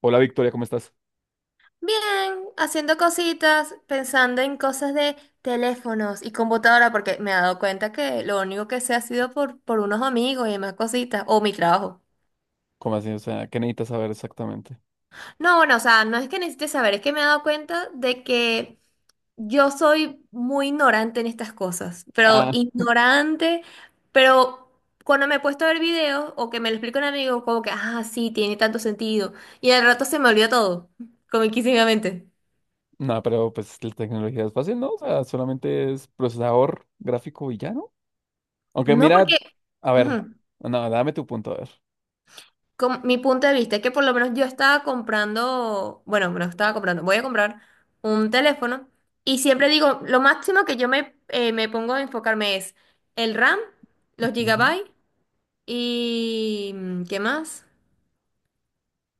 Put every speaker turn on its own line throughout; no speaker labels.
Hola Victoria, ¿cómo estás?
Bien, haciendo cositas, pensando en cosas de teléfonos y computadora, porque me he dado cuenta que lo único que sé ha sido por unos amigos y demás cositas, o mi trabajo.
¿Cómo así? O sea, ¿qué necesitas saber exactamente?
No, bueno, o sea, no es que necesite saber, es que me he dado cuenta de que yo soy muy ignorante en estas cosas, pero
Ah,
ignorante, pero cuando me he puesto a ver videos o que me lo explica un amigo, como que, ah, sí, tiene tanto sentido, y al rato se me olvida todo, comiquísimamente.
No, pero pues la tecnología es fácil, ¿no? O sea, solamente es procesador gráfico y ya, ¿no? Aunque
No porque.
mira, a ver,
Ujú.
no, dame tu punto, a ver.
Mi punto de vista es que por lo menos yo estaba comprando, bueno, no estaba comprando, voy a comprar un teléfono y siempre digo, lo máximo que yo me pongo a enfocarme es el RAM, los
Ujú.
gigabytes y ¿qué más?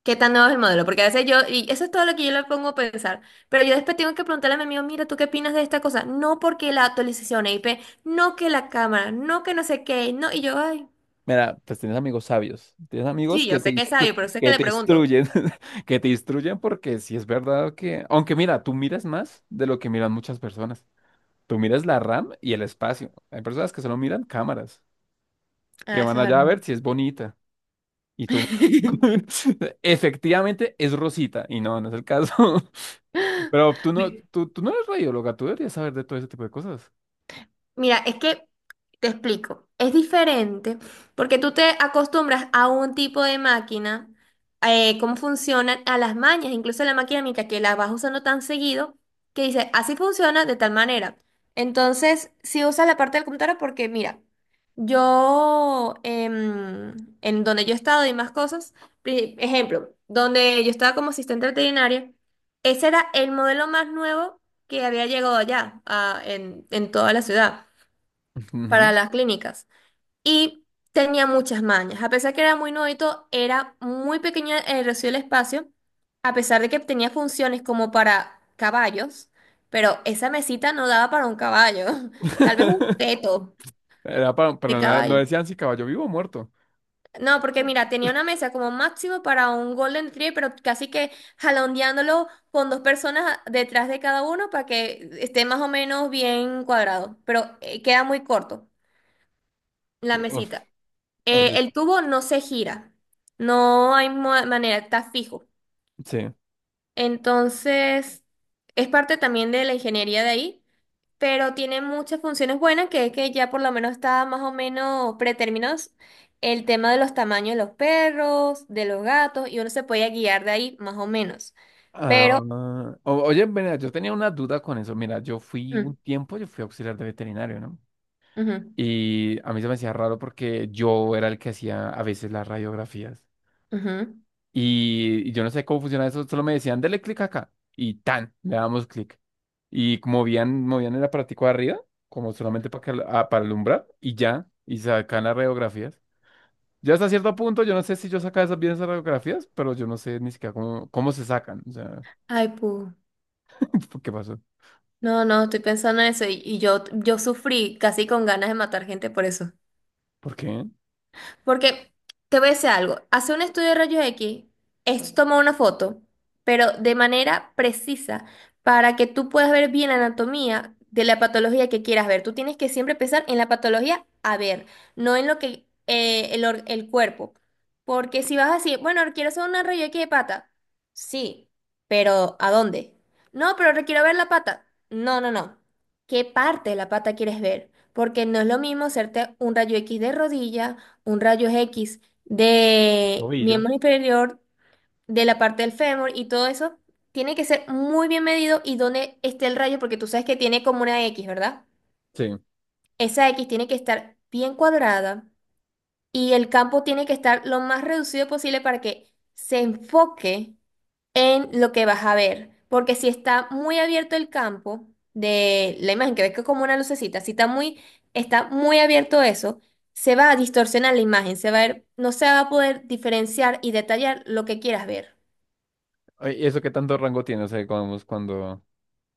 ¿Qué tan nuevo es el modelo? Porque a veces yo, y eso es todo lo que yo le pongo a pensar, pero yo después tengo que preguntarle a mi amigo, mira, ¿tú qué opinas de esta cosa? No, porque la actualización IP, no que la cámara, no que no sé qué, no, y yo, ay,
Mira, pues tienes amigos sabios, tienes amigos
sí, yo sé que es sabio, pero sé que
que
le
te
pregunto.
instruyen. Que te instruyen, porque si es verdad que, aunque mira, tú miras más de lo que miran muchas personas. Tú miras la RAM y el espacio. Hay personas que solo miran cámaras, que
Ah,
van
eso es
allá
verdad.
a ver si es bonita. Y tú, efectivamente es Rosita, y no, no es el caso. Pero tú no,
Me,
tú no eres radióloga, tú deberías saber de todo ese tipo de cosas.
Mira, es que te explico, es diferente porque tú te acostumbras a un tipo de máquina, cómo funcionan, a las mañas, incluso la maquinita que la vas usando tan seguido, que dice, así funciona de tal manera. Entonces, si usas la parte del computador porque mira, yo, en donde yo he estado y más cosas, ejemplo, donde yo estaba como asistente veterinaria, ese era el modelo más nuevo que había llegado allá, en toda la ciudad para
Ujú.
las clínicas. Y tenía muchas mañas. A pesar que era muy nuevito, era muy pequeño el reducido el espacio, a pesar de que tenía funciones como para caballos, pero esa mesita no daba para un caballo, tal vez un feto
Era
de
no
caballo.
decían si caballo vivo o muerto.
No, porque mira, tenía una mesa como máximo para un Golden Retriever, pero casi que jalondeándolo con dos personas detrás de cada uno para que esté más o menos bien cuadrado, pero queda muy corto la
Uf,
mesita. Eh,
oye,
el tubo no se gira, no hay manera, está fijo.
sí.
Entonces, es parte también de la ingeniería de ahí, pero tiene muchas funciones buenas, que es que ya por lo menos está más o menos predeterminado el tema de los tamaños de los perros, de los gatos, y uno se puede guiar de ahí más o menos.
Ah,
Pero,
Oye, mira, yo tenía una duda con eso. Mira, yo fui
mm,
un tiempo, yo fui auxiliar de veterinario, ¿no?
ujú,
Y a mí se me hacía raro porque yo era el que hacía a veces las radiografías.
ujú.
Y yo no sé cómo funciona eso, solo me decían, dale clic acá. Y tan, le damos clic. Y movían el aparatico de arriba, como solamente para, que, al- ah, para alumbrar, y ya, y sacan las radiografías. Ya hasta cierto punto, yo no sé si yo sacaba esas bien esas radiografías, pero yo no sé ni siquiera cómo se sacan. O sea,
Ay, pu.
¿por ¿qué pasó?
No, no, estoy pensando en eso y yo sufrí casi con ganas de matar gente por eso.
¿Por qué?
Porque te voy a decir algo, hacer un estudio de rayos X es tomar una foto, pero de manera precisa, para que tú puedas ver bien la anatomía de la patología que quieras ver. Tú tienes que siempre pensar en la patología a ver, no en lo que el cuerpo. Porque si vas a decir, bueno, quiero hacer una rayos X de pata, sí, pero ¿a dónde? No, pero quiero ver la pata. No, no, no. ¿Qué parte de la pata quieres ver? Porque no es lo mismo hacerte un rayo X de rodilla, un rayo X de
Tobillo.
miembro inferior de la parte del fémur, y todo eso tiene que ser muy bien medido y dónde esté el rayo, porque tú sabes que tiene como una X, ¿verdad?
Sí.
Esa X tiene que estar bien cuadrada y el campo tiene que estar lo más reducido posible para que se enfoque en lo que vas a ver. Porque si está muy abierto el campo de la imagen, que ves que es como una lucecita, si está muy, está muy abierto eso, se va a distorsionar la imagen, se va a ver, no se va a poder diferenciar y detallar lo que quieras ver.
Oye, ¿y eso qué tanto rango tiene? O sea,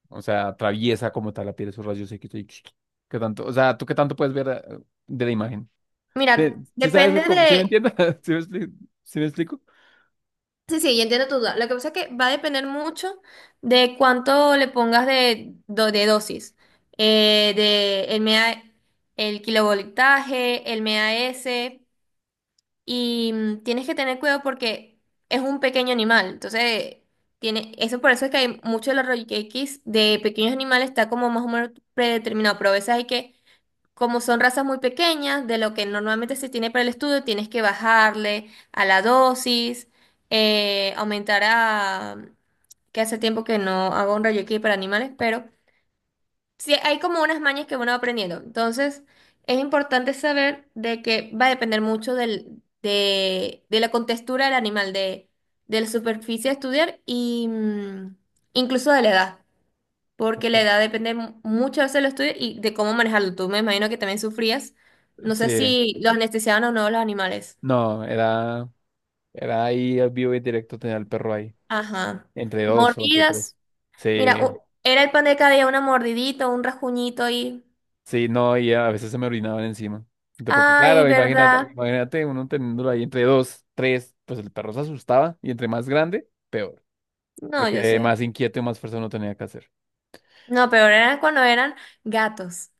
o sea, atraviesa como tal la piel esos rayos X. ¿Qué tanto? O sea, ¿tú qué tanto puedes ver de la imagen? Sí,
Mira,
sí sabes,
depende
¿sí me
de.
entiendes? ¿Sí me explico? ¿Sí me explico?
Sí, sí, yo entiendo tu duda. Lo que pasa es que va a depender mucho de cuánto le pongas de, de dosis, eh, de el, mea- el kilovoltaje, el MAS. Y tienes que tener cuidado porque es un pequeño animal. Entonces, tiene, eso por eso es que hay mucho de los royqueques de pequeños animales está como más o menos predeterminado. Pero a veces hay que, como son razas muy pequeñas, de lo que normalmente se tiene para el estudio, tienes que bajarle a la dosis, aumentar a. Que hace tiempo que no hago un royqueque para animales, pero sí, hay como unas mañas que uno va aprendiendo. Entonces, es importante saber de que va a depender mucho de la contextura del animal, de la superficie a estudiar y incluso de la edad, porque
Ok.
la edad depende muchas veces de lo estudio y de cómo manejarlo. Tú, me imagino que también sufrías. No sé
Sí,
si los anestesiaban o no los animales.
no, era, era ahí al vivo y en directo tener al perro ahí,
Ajá.
entre dos o entre tres.
Mordidas. Mira,
Sí,
era el pan de cada día una mordidita, un rasguñito y.
sí, no, y a veces se me orinaban encima. Entonces, porque
Ay,
claro,
¿verdad?
imagínate uno teniéndolo ahí entre dos, tres, pues el perro se asustaba y entre más grande, peor,
No, yo
porque
sé.
más inquieto y más fuerza uno tenía que hacer.
No, pero era cuando eran gatos.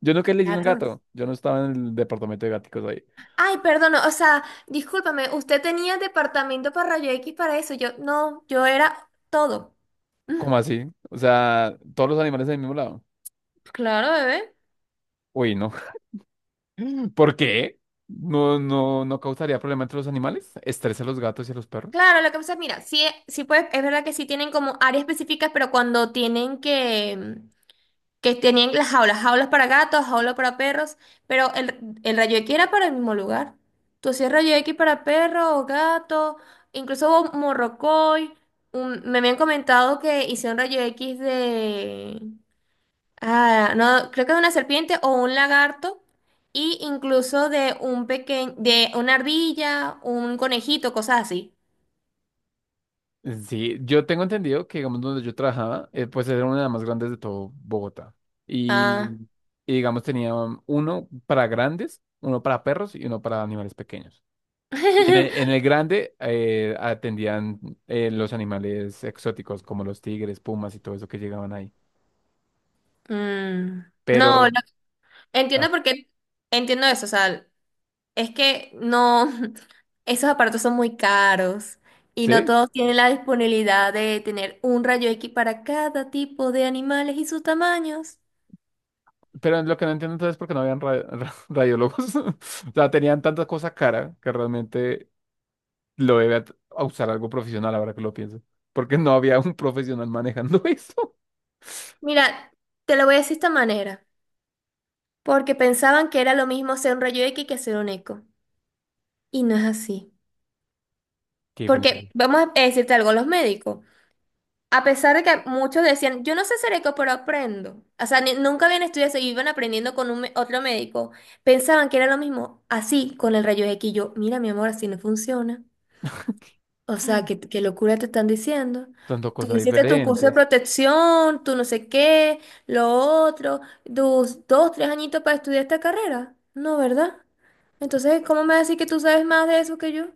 Yo nunca le hice un
Gatos.
gato, yo no estaba en el departamento de gaticos ahí.
Ay, perdón, o sea, discúlpame, usted tenía departamento para rayo X para eso. Yo, no, yo era todo. Mm,
¿Cómo así? O sea, todos los animales del mismo lado.
claro, bebé.
Uy, no. ¿Por qué? ¿No, no, no causaría problema entre los animales? ¿Estresa a los gatos y a los perros?
Claro, lo que pasa, es mira, sí, sí pues, es verdad que sí tienen como áreas específicas, pero cuando tienen que, tenían las jaulas, jaulas para gatos, jaulas para perros, pero el rayo X era para el mismo lugar. Tú hacías rayo X para perro o gato, incluso hubo morrocoy. Me habían comentado que hicieron rayo X de. Ah, no, creo que de una serpiente o un lagarto, y incluso de un pequeño, de una ardilla, un conejito, cosas así.
Sí, yo tengo entendido que, digamos, donde yo trabajaba, pues era una de las más grandes de todo Bogotá.
Ah.
Y, y digamos, tenía uno para grandes, uno para perros y uno para animales pequeños. Y en el grande atendían los animales exóticos como los tigres, pumas y todo eso que llegaban ahí.
Mm, no,
Pero,
entiendo
ah,
por qué, entiendo eso, o sea, es que no, esos aparatos son muy caros y no
¿Sí?
todos tienen la disponibilidad de tener un rayo X para cada tipo de animales y sus tamaños.
Pero lo que no entiendo entonces es por qué no habían radiólogos. O sea, tenían tanta cosa cara que realmente lo debe at- a usar algo profesional, ahora que lo pienso. Porque no había un profesional manejando eso.
Mira, te lo voy a decir de esta manera, porque pensaban que era lo mismo hacer un rayo X que hacer un eco. Y no es así.
Qué diferencia.
Porque vamos a decirte algo, los médicos. A pesar de que muchos decían, yo no sé Sereco, pero aprendo. O sea, nunca habían estudiado eso y iban aprendiendo con otro médico. Pensaban que era lo mismo, así, con el rayo X. Y yo, mira, mi amor, así no funciona. O sea, qué locura te están diciendo.
Son
Tú
cosas
hiciste tu curso de
diferentes.
protección, tú no sé qué, lo otro, tus dos, tres añitos para estudiar esta carrera. No, ¿verdad? Entonces, ¿cómo me vas a decir que tú sabes más de eso que yo?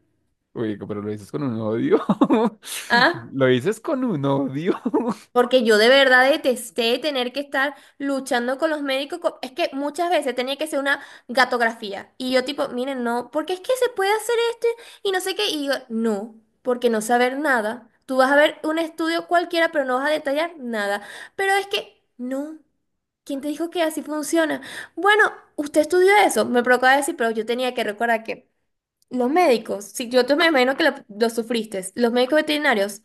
Uy, pero lo dices con un odio.
¿Ah?
Lo dices con un odio.
Porque yo de verdad detesté tener que estar luchando con los médicos. Es que muchas veces tenía que ser una gatografía. Y yo tipo, miren, no, porque es que se puede hacer esto y no sé qué. Y yo, no, porque no saber nada. Tú vas a ver un estudio cualquiera, pero no vas a detallar nada. Pero es que, no. ¿Quién te dijo que así funciona? Bueno, usted estudió eso. Me provocaba decir, pero yo tenía que recordar que los médicos, si yo te, me imagino que lo sufriste, los médicos veterinarios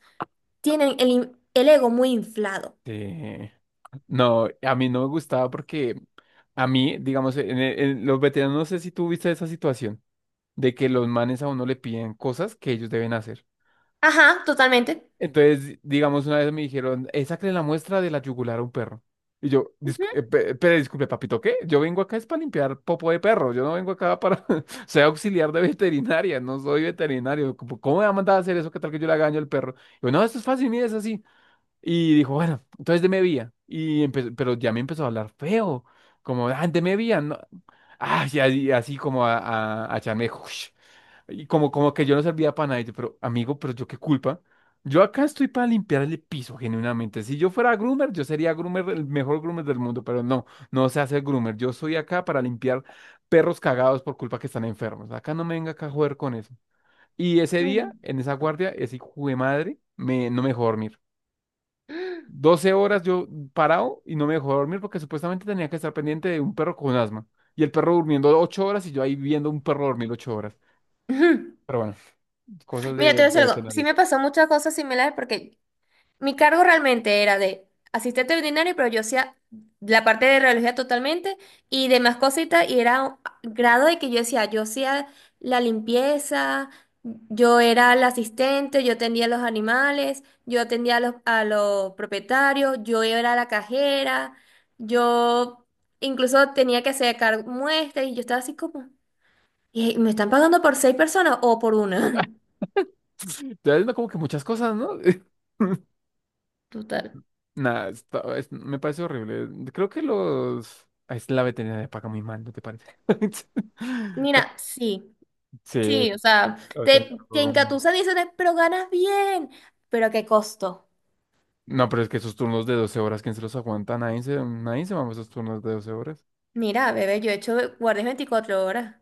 tienen el ego muy inflado.
Sí. No, a mí no me gustaba porque a mí, digamos, en los veteranos, no sé si tú viste esa situación de que los manes a uno le piden cosas que ellos deben hacer.
Ajá, totalmente.
Entonces, digamos, una vez me dijeron, sácale la muestra de la yugular a un perro". Y yo, pero disculpe, papito, ¿qué? Yo vengo acá es para limpiar popo de perro. Yo no vengo acá para... Soy auxiliar de veterinaria, no soy veterinario. ¿Cómo cómo me va a mandar a hacer eso? ¿Qué tal que yo le haga daño al perro?". Y yo, no, esto es fácil, mire, es así. Y dijo, bueno, entonces deme vía. Y empezó, pero ya me empezó a hablar feo. Como, ah, deme vía. No. Ah, y así, así como a echarme... Y como, como que yo no servía para nada. Y yo, pero amigo, pero yo qué culpa. Yo acá estoy para limpiar el piso, genuinamente. Si yo fuera groomer, yo sería groomer, el mejor groomer del mundo, pero no, no sé hacer groomer. Yo soy acá para limpiar perros cagados por culpa que están enfermos. Acá no me venga acá a joder con eso. Y ese
Ujú.
día, en esa guardia, ese hijo de madre no me dejó dormir. 12 horas yo parado y no me dejó dormir porque supuestamente tenía que estar pendiente de un perro con asma. Y el perro durmiendo 8 horas y yo ahí viendo un perro dormir 8 horas.
Ujú.
Pero bueno. Cosas
Mira, te voy a
de
decir algo. Sí
veterinarios.
me pasó muchas cosas similares porque mi cargo realmente era de asistente veterinario, pero yo hacía la parte de radiología totalmente y demás cositas y era un grado de que yo decía, yo hacía la limpieza, yo era la asistente, yo atendía a los animales, yo atendía a los propietarios, yo era la cajera, yo incluso tenía que hacer cargo muestras y yo estaba así como. Y me están pagando por seis personas o por una.
Ya es como que muchas cosas, ¿no?
Total.
Nada, está- es- me parece horrible. Creo que los... ah, es la veterinaria paga muy mal, ¿no te parece?
Mira, sí,
Sí,
sí, o sea,
la veterinaria
te
paga muy mal.
engatusan y dicen, pero ganas bien. ¿Pero a qué costo?
No, pero es que esos turnos de 12 horas, ¿quién se los aguanta? Nadie se mama esos turnos de 12 horas.
Mira, bebé, yo he hecho guardias 24 horas.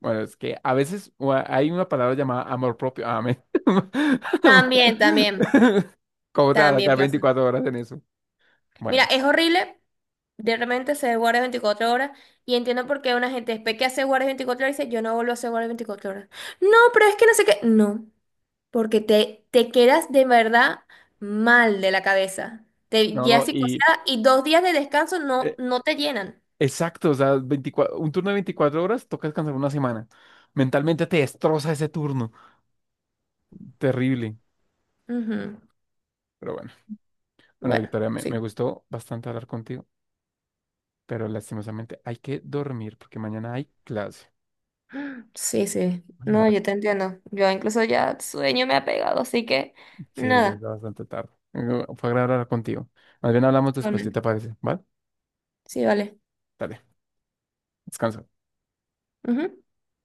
Bueno, es que a veces hay una palabra llamada amor propio. Amén.
También, también,
¿Cómo te vas a
también
sacar
pasa.
24 horas en eso?
Mira,
Bueno,
es horrible de repente hacer guardias 24 horas y entiendo por qué una gente después que hace guardias 24 horas dice, yo no vuelvo a hacer guardias 24 horas. No, pero es que no sé qué. No. Porque te quedas de verdad mal de la cabeza. Te quedas
no, y...
psicoseada y 2 días de descanso no, no te llenan.
exacto, o sea, 24 un turno de 24 horas toca descansar una semana. Mentalmente te destroza ese turno. Terrible.
Ujú.
Pero bueno, bueno,
Bueno,
Victoria, me
sí.
gustó bastante hablar contigo, pero lastimosamente hay que dormir porque mañana hay clase.
Sí, sí. No,
Mañana,
yo te entiendo. Yo incluso ya sueño me ha pegado, así que
sí, ya es
nada.
bastante tarde. Fue agradable hablar contigo. Más bien hablamos después, ¿si
Totalmente.
te parece? ¿Vale?
Sí, vale.
Dale, descansa.
Ujú.